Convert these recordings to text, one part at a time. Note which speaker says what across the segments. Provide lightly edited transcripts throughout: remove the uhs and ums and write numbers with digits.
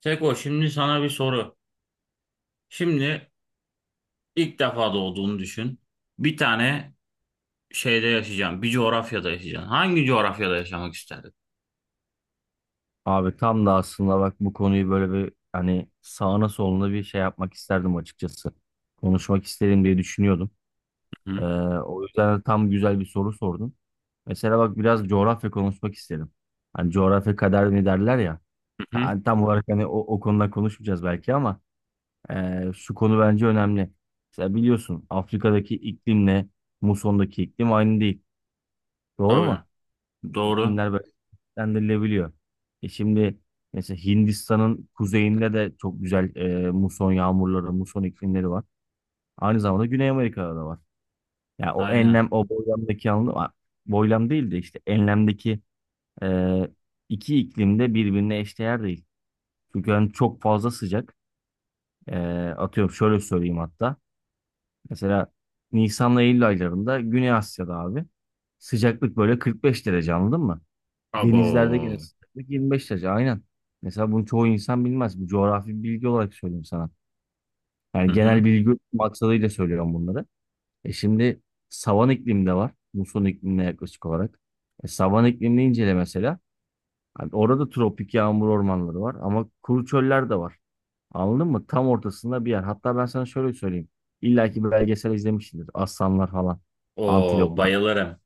Speaker 1: Seko, şimdi sana bir soru. Şimdi ilk defa doğduğunu düşün. Bir tane şeyde yaşayacaksın. Bir coğrafyada yaşayacaksın. Hangi coğrafyada yaşamak isterdin?
Speaker 2: Abi tam da aslında bak bu konuyu böyle bir hani sağına soluna bir şey yapmak isterdim açıkçası. Konuşmak isterim diye düşünüyordum.
Speaker 1: Hı
Speaker 2: Ee,
Speaker 1: hı.
Speaker 2: o yüzden de tam güzel bir soru sordun. Mesela bak biraz coğrafya konuşmak isterim. Hani coğrafya kader mi derler ya.
Speaker 1: Hı.
Speaker 2: Hani tam olarak hani o konuda konuşmayacağız belki ama şu konu bence önemli. Mesela biliyorsun Afrika'daki iklimle Muson'daki iklim aynı değil. Doğru
Speaker 1: Tabii.
Speaker 2: mu?
Speaker 1: Doğru.
Speaker 2: İklimler dendirilebiliyor. E şimdi mesela Hindistan'ın kuzeyinde de çok güzel muson yağmurları, muson iklimleri var. Aynı zamanda Güney Amerika'da da var. Yani o
Speaker 1: Aynen.
Speaker 2: enlem, o boylamdaki anlamda var. Boylam değil de işte enlemdeki e, iki iklim de birbirine eşdeğer değil. Çünkü hani çok fazla sıcak. E, atıyorum şöyle söyleyeyim hatta. Mesela Nisan'la Eylül aylarında Güney Asya'da abi sıcaklık böyle 45 derece anladın mı? Denizlerde gene
Speaker 1: Abo.
Speaker 2: sıcaklık 25 derece aynen. Mesela bunu çoğu insan bilmez. Bu coğrafi bir bilgi olarak söyleyeyim sana.
Speaker 1: Hı
Speaker 2: Yani
Speaker 1: hı.
Speaker 2: genel bilgi maksadıyla söylüyorum bunları. E şimdi savan iklim de var. Muson iklimine yaklaşık olarak. E savan iklimini incele mesela. Hani orada tropik yağmur ormanları var ama kuru çöller de var. Anladın mı? Tam ortasında bir yer. Hatta ben sana şöyle söyleyeyim. İlla ki belgesel izlemişsindir. Aslanlar falan.
Speaker 1: Oo,
Speaker 2: Antiloplar.
Speaker 1: bayılırım.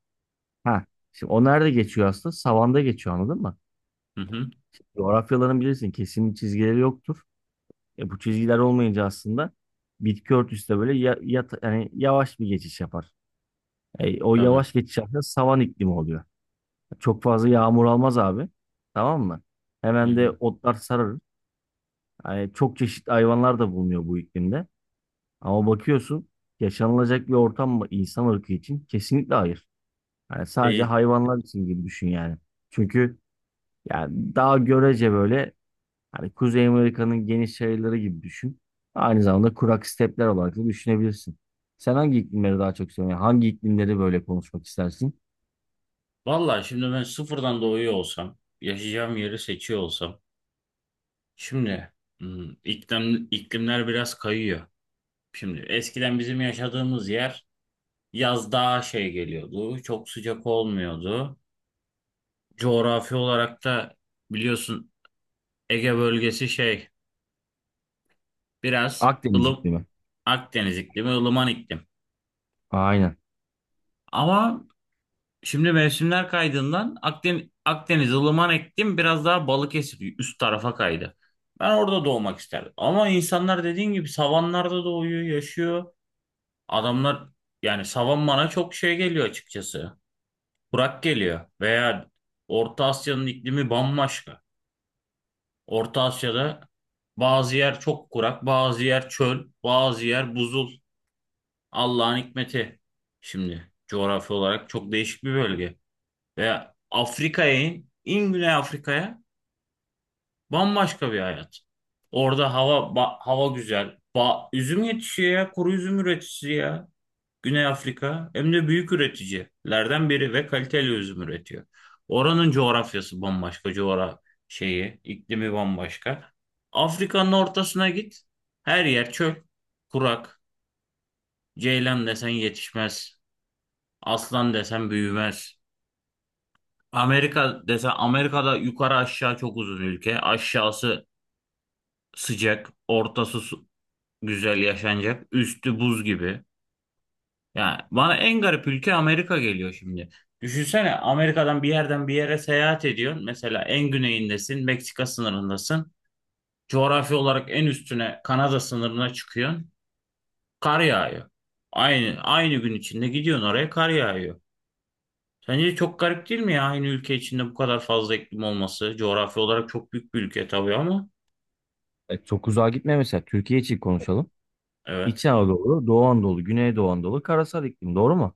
Speaker 2: Ha. Şimdi o nerede geçiyor aslında? Savanda geçiyor anladın mı?
Speaker 1: Hı hı.
Speaker 2: Coğrafyaların bilirsin kesin çizgileri yoktur. E, bu çizgiler olmayınca aslında bitki örtüsü de böyle ya, yani yavaş bir geçiş yapar. E, o
Speaker 1: Tabii.
Speaker 2: yavaş geçiş aslında savan iklimi oluyor. Çok fazla yağmur almaz abi. Tamam mı? Hemen de
Speaker 1: Yani.
Speaker 2: otlar sararır. Yani çok çeşitli hayvanlar da bulunuyor bu iklimde. Ama bakıyorsun yaşanılacak bir ortam mı insan ırkı için? Kesinlikle hayır. Yani sadece
Speaker 1: Değil.
Speaker 2: hayvanlar için gibi düşün yani. Çünkü yani daha görece böyle hani Kuzey Amerika'nın geniş yaylaları gibi düşün. Aynı zamanda kurak stepler olarak da düşünebilirsin. Sen hangi iklimleri daha çok seviyorsun? Yani hangi iklimleri böyle konuşmak istersin?
Speaker 1: Valla şimdi ben sıfırdan doğuyor olsam, yaşayacağım yeri seçiyor olsam. Şimdi iklimler biraz kayıyor. Şimdi eskiden bizim yaşadığımız yer, yaz daha şey geliyordu. Çok sıcak olmuyordu. Coğrafi olarak da biliyorsun Ege bölgesi şey biraz
Speaker 2: Akdeniz
Speaker 1: ılım
Speaker 2: iklimi.
Speaker 1: Akdeniz iklimi, ılıman iklim.
Speaker 2: Aynen.
Speaker 1: Ama şimdi mevsimler kaydığından Akdeniz ılıman iklim biraz daha Balıkesir üst tarafa kaydı. Ben orada doğmak isterdim. Ama insanlar dediğin gibi savanlarda doğuyor, yaşıyor. Adamlar, yani savan bana çok şey geliyor açıkçası. Kurak geliyor veya Orta Asya'nın iklimi bambaşka. Orta Asya'da bazı yer çok kurak, bazı yer çöl, bazı yer buzul. Allah'ın hikmeti. Şimdi coğrafi olarak çok değişik bir bölge. Ve Afrika'ya in, in Güney Afrika'ya bambaşka bir hayat. Orada hava hava güzel. Üzüm yetişiyor ya, kuru üzüm üreticisi ya. Güney Afrika hem de büyük üreticilerden biri ve kaliteli üzüm üretiyor. Oranın coğrafyası bambaşka, şeyi, iklimi bambaşka. Afrika'nın ortasına git. Her yer çöl, kurak. Ceylan desen yetişmez. Aslan desen büyümez. Amerika desen, Amerika'da yukarı aşağı çok uzun ülke. Aşağısı sıcak, ortası güzel yaşanacak. Üstü buz gibi. Yani bana en garip ülke Amerika geliyor şimdi. Düşünsene, Amerika'dan bir yerden bir yere seyahat ediyorsun. Mesela en güneyindesin, Meksika sınırındasın. Coğrafi olarak en üstüne Kanada sınırına çıkıyorsun. Kar yağıyor. Aynı gün içinde gidiyorsun oraya, kar yağıyor. Sence çok garip değil mi ya, aynı ülke içinde bu kadar fazla iklim olması? Coğrafi olarak çok büyük bir ülke tabii ama.
Speaker 2: E, çok uzağa gitme mesela. Türkiye için konuşalım. İç
Speaker 1: Evet,
Speaker 2: Anadolu, Doğu Anadolu, Güneydoğu Anadolu, karasal iklim. Doğru mu?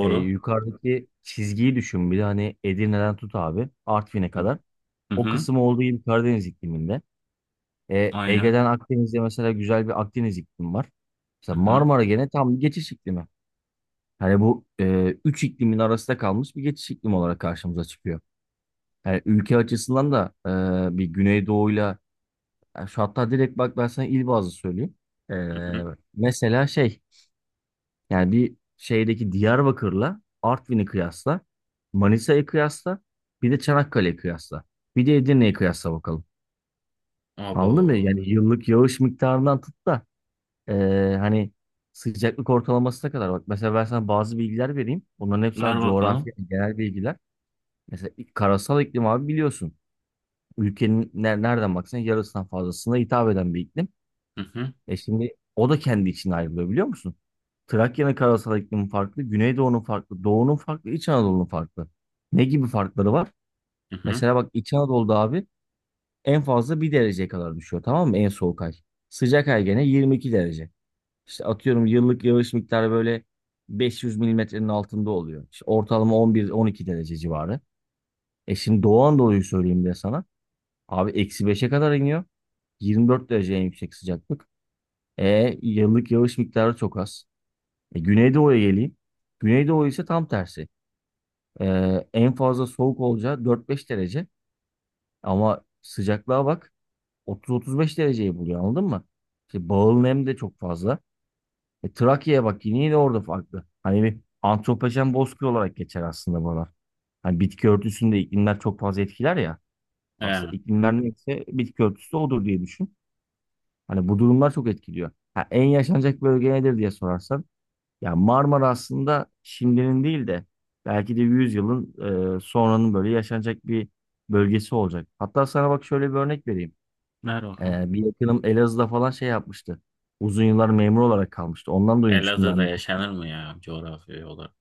Speaker 2: E, yukarıdaki çizgiyi düşün. Bir de hani Edirne'den tut abi. Artvin'e
Speaker 1: Hı
Speaker 2: kadar.
Speaker 1: hı,
Speaker 2: O
Speaker 1: hı,
Speaker 2: kısım olduğu gibi Karadeniz ikliminde. E,
Speaker 1: aynen.
Speaker 2: Ege'den Akdeniz'de mesela güzel bir Akdeniz iklimi var.
Speaker 1: Hı
Speaker 2: Mesela
Speaker 1: hı,
Speaker 2: Marmara gene tam bir geçiş iklimi. Hani bu üç iklimin arasında kalmış bir geçiş iklim olarak karşımıza çıkıyor. Yani ülke açısından da bir Güneydoğu'yla yani şu hatta direkt bak ben sana il bazlı söyleyeyim. E,
Speaker 1: hı hı.
Speaker 2: mesela şey yani bir şeydeki Diyarbakır'la Artvin'i kıyasla, Manisa'yı kıyasla, bir de Çanakkale'yi kıyasla, bir de Edirne'yi kıyasla bakalım. Anladın mı?
Speaker 1: Abo.
Speaker 2: Yani yıllık yağış miktarından tut da e, hani sıcaklık ortalamasına kadar bak. Mesela ben sana bazı bilgiler vereyim. Bunların hepsi sana
Speaker 1: Ver bakalım.
Speaker 2: coğrafya, genel bilgiler. Mesela karasal iklim abi biliyorsun. Ülkenin nereden baksan yarısından fazlasına hitap eden bir iklim.
Speaker 1: Hı hı,
Speaker 2: E şimdi o da kendi içine ayrılıyor biliyor musun? Trakya'nın karasal iklimi farklı, Güneydoğu'nun farklı, Doğu'nun farklı, İç Anadolu'nun farklı. Ne gibi farkları var?
Speaker 1: hı hı.
Speaker 2: Mesela bak İç Anadolu'da abi en fazla bir dereceye kadar düşüyor, tamam mı? En soğuk ay. Sıcak ay gene 22 derece. İşte atıyorum yıllık yağış miktarı böyle 500 milimetrenin altında oluyor. İşte ortalama 11-12 derece civarı. E şimdi Doğu Anadolu'yu söyleyeyim de sana. Abi eksi beşe kadar iniyor. 24 derece en yüksek sıcaklık. E yıllık yağış miktarı çok az. E, Güneydoğu'ya geleyim. Güneydoğu ise tam tersi. E, en fazla soğuk olacağı 4-5 derece. Ama sıcaklığa bak, 30-35 dereceyi buluyor anladın mı? İşte bağıl nem de çok fazla. E, Trakya'ya bak, yine yine orada farklı. Hani bir antropojen bozkır olarak geçer aslında buralar. Hani bitki örtüsünde iklimler çok fazla etkiler ya. Aslında
Speaker 1: Ee,
Speaker 2: iklimler neyse bitki örtüsü de odur diye düşün. Hani bu durumlar çok etkiliyor. Ha, en yaşanacak bölge nedir diye sorarsan. Ya Marmara aslında şimdinin değil de belki de 100 yılın sonranın böyle yaşanacak bir bölgesi olacak. Hatta sana bak şöyle bir örnek vereyim.
Speaker 1: Ver bakalım.
Speaker 2: E, bir yakınım Elazığ'da falan şey yapmıştı. Uzun yıllar memur olarak kalmıştı. Ondan duymuştum
Speaker 1: Elazığ'da
Speaker 2: ben bu konu.
Speaker 1: yaşanır mı ya, coğrafi olarak?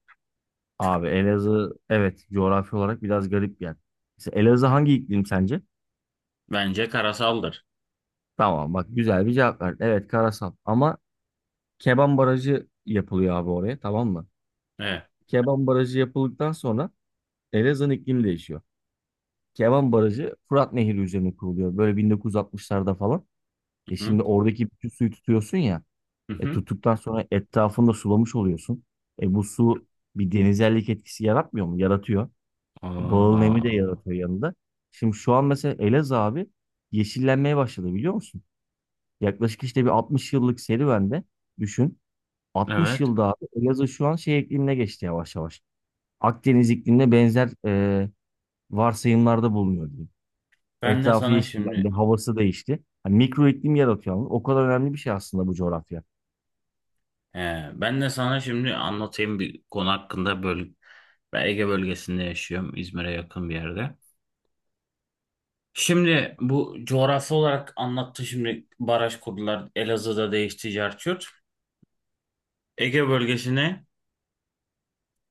Speaker 2: Abi Elazığ evet coğrafi olarak biraz garip bir yer. Mesela Elazığ hangi iklim sence?
Speaker 1: Bence karasaldır.
Speaker 2: Tamam bak, güzel bir cevap verdin. Evet karasal ama Keban Barajı yapılıyor abi oraya, tamam mı?
Speaker 1: Evet.
Speaker 2: Keban Barajı yapıldıktan sonra Elazığ'ın iklimi değişiyor. Keban Barajı Fırat Nehri üzerine kuruluyor. Böyle 1960'larda falan. E
Speaker 1: Hı hı.
Speaker 2: şimdi oradaki bütün suyu tutuyorsun ya.
Speaker 1: Hı
Speaker 2: E
Speaker 1: hı.
Speaker 2: tuttuktan sonra etrafında sulamış oluyorsun. E bu su bir denizellik etkisi yaratmıyor mu? Yaratıyor. E bağıl nemi de
Speaker 1: Aa,
Speaker 2: yaratıyor yanında. Şimdi şu an mesela Elazığ abi yeşillenmeye başladı biliyor musun? Yaklaşık işte bir 60 yıllık serüvende düşün. 60
Speaker 1: evet.
Speaker 2: yılda abi Elazığ şu an şey iklimine geçti yavaş yavaş. Akdeniz iklimine benzer varsayımlarda bulunuyor diyeyim.
Speaker 1: Ben de
Speaker 2: Etrafı
Speaker 1: sana
Speaker 2: yeşillendi,
Speaker 1: şimdi
Speaker 2: havası değişti. Hani mikro iklim yaratıyor ama o kadar önemli bir şey aslında bu coğrafya.
Speaker 1: he, ben de sana şimdi anlatayım bir konu hakkında ben Ege bölgesinde yaşıyorum. İzmir'e yakın bir yerde. Şimdi bu coğrafi olarak anlattı, şimdi baraj kurdular. Elazığ'da değişti Cerçurt. Ege bölgesine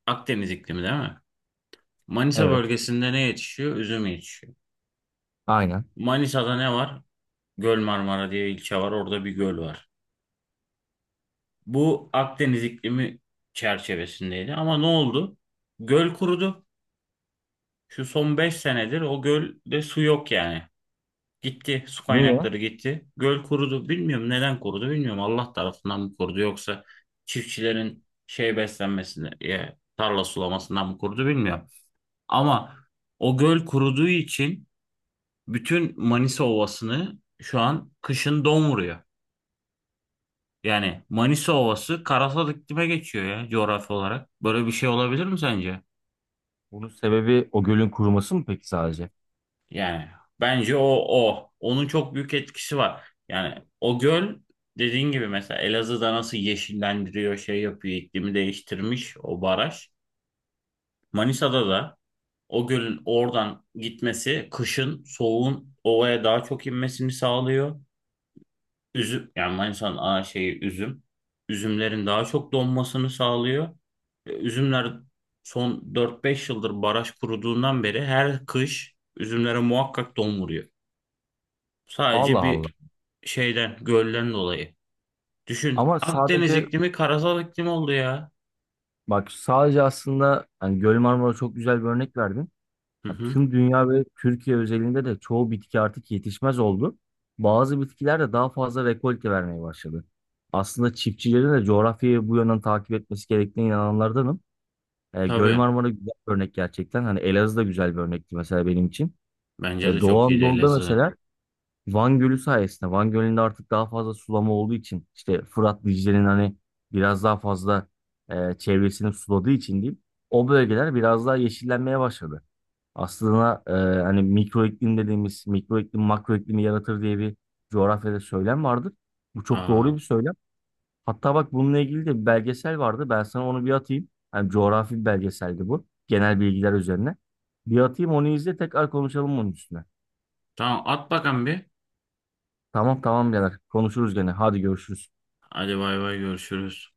Speaker 1: Akdeniz iklimi değil mi? Manisa
Speaker 2: Evet,
Speaker 1: bölgesinde ne yetişiyor? Üzüm yetişiyor.
Speaker 2: aynen.
Speaker 1: Manisa'da ne var? Göl Marmara diye ilçe var. Orada bir göl var. Bu Akdeniz iklimi çerçevesindeydi. Ama ne oldu? Göl kurudu. Şu son 5 senedir o gölde su yok yani. Gitti. Su
Speaker 2: Niye?
Speaker 1: kaynakları gitti. Göl kurudu. Bilmiyorum neden kurudu. Bilmiyorum Allah tarafından mı kurudu, yoksa çiftçilerin şey beslenmesine, tarla sulamasından mı kurudu, bilmiyorum. Ama o göl kuruduğu için bütün Manisa Ovası'nı şu an kışın don vuruyor. Yani Manisa Ovası karasal iklime geçiyor ya, coğrafi olarak. Böyle bir şey olabilir mi sence?
Speaker 2: Bunun sebebi o gölün kuruması mı peki sadece?
Speaker 1: Yani bence o. Onun çok büyük etkisi var. Yani o göl, dediğin gibi, mesela Elazığ'da nasıl yeşillendiriyor, şey yapıyor, iklimi değiştirmiş o baraj. Manisa'da da o gölün oradan gitmesi kışın soğuğun ovaya daha çok inmesini sağlıyor. Üzüm, yani Manisa'nın ana şeyi üzüm. Üzümlerin daha çok donmasını sağlıyor. Üzümler son 4-5 yıldır baraj kuruduğundan beri her kış üzümlere muhakkak don vuruyor.
Speaker 2: Allah
Speaker 1: Sadece
Speaker 2: Allah.
Speaker 1: bir şeyden, gölden dolayı. Düşün,
Speaker 2: Ama
Speaker 1: Akdeniz
Speaker 2: sadece
Speaker 1: iklimi karasal iklim oldu ya.
Speaker 2: bak, sadece aslında hani Göl Marmara çok güzel bir örnek verdin.
Speaker 1: Hı
Speaker 2: Ya
Speaker 1: hı.
Speaker 2: tüm dünya ve Türkiye özelinde de çoğu bitki artık yetişmez oldu. Bazı bitkiler de daha fazla rekolte vermeye başladı. Aslında çiftçilerin de coğrafyayı bu yönden takip etmesi gerektiğine inananlardanım. E, Göl
Speaker 1: Tabii.
Speaker 2: Marmara güzel bir örnek gerçekten. Hani Elazığ da güzel bir örnekti mesela benim için.
Speaker 1: Bence de
Speaker 2: E, Doğu
Speaker 1: çok iyiydi
Speaker 2: Anadolu'da
Speaker 1: Elazığ.
Speaker 2: mesela Van Gölü sayesinde, Van Gölü'nde artık daha fazla sulama olduğu için, işte Fırat Dicle'nin hani biraz daha fazla çevresini suladığı için diyeyim. O bölgeler biraz daha yeşillenmeye başladı. Aslında hani mikro iklim dediğimiz, mikro iklim makro iklimi yaratır diye bir coğrafyada söylem vardır. Bu çok doğru bir
Speaker 1: Aa,
Speaker 2: söylem. Hatta bak bununla ilgili de bir belgesel vardı. Ben sana onu bir atayım. Hani coğrafi bir belgeseldi bu. Genel bilgiler üzerine. Bir atayım, onu izle, tekrar konuşalım onun üstüne.
Speaker 1: tamam, at bakalım bir.
Speaker 2: Tamam, tamam, birader. Konuşuruz gene. Hadi görüşürüz.
Speaker 1: Hadi bay bay, görüşürüz.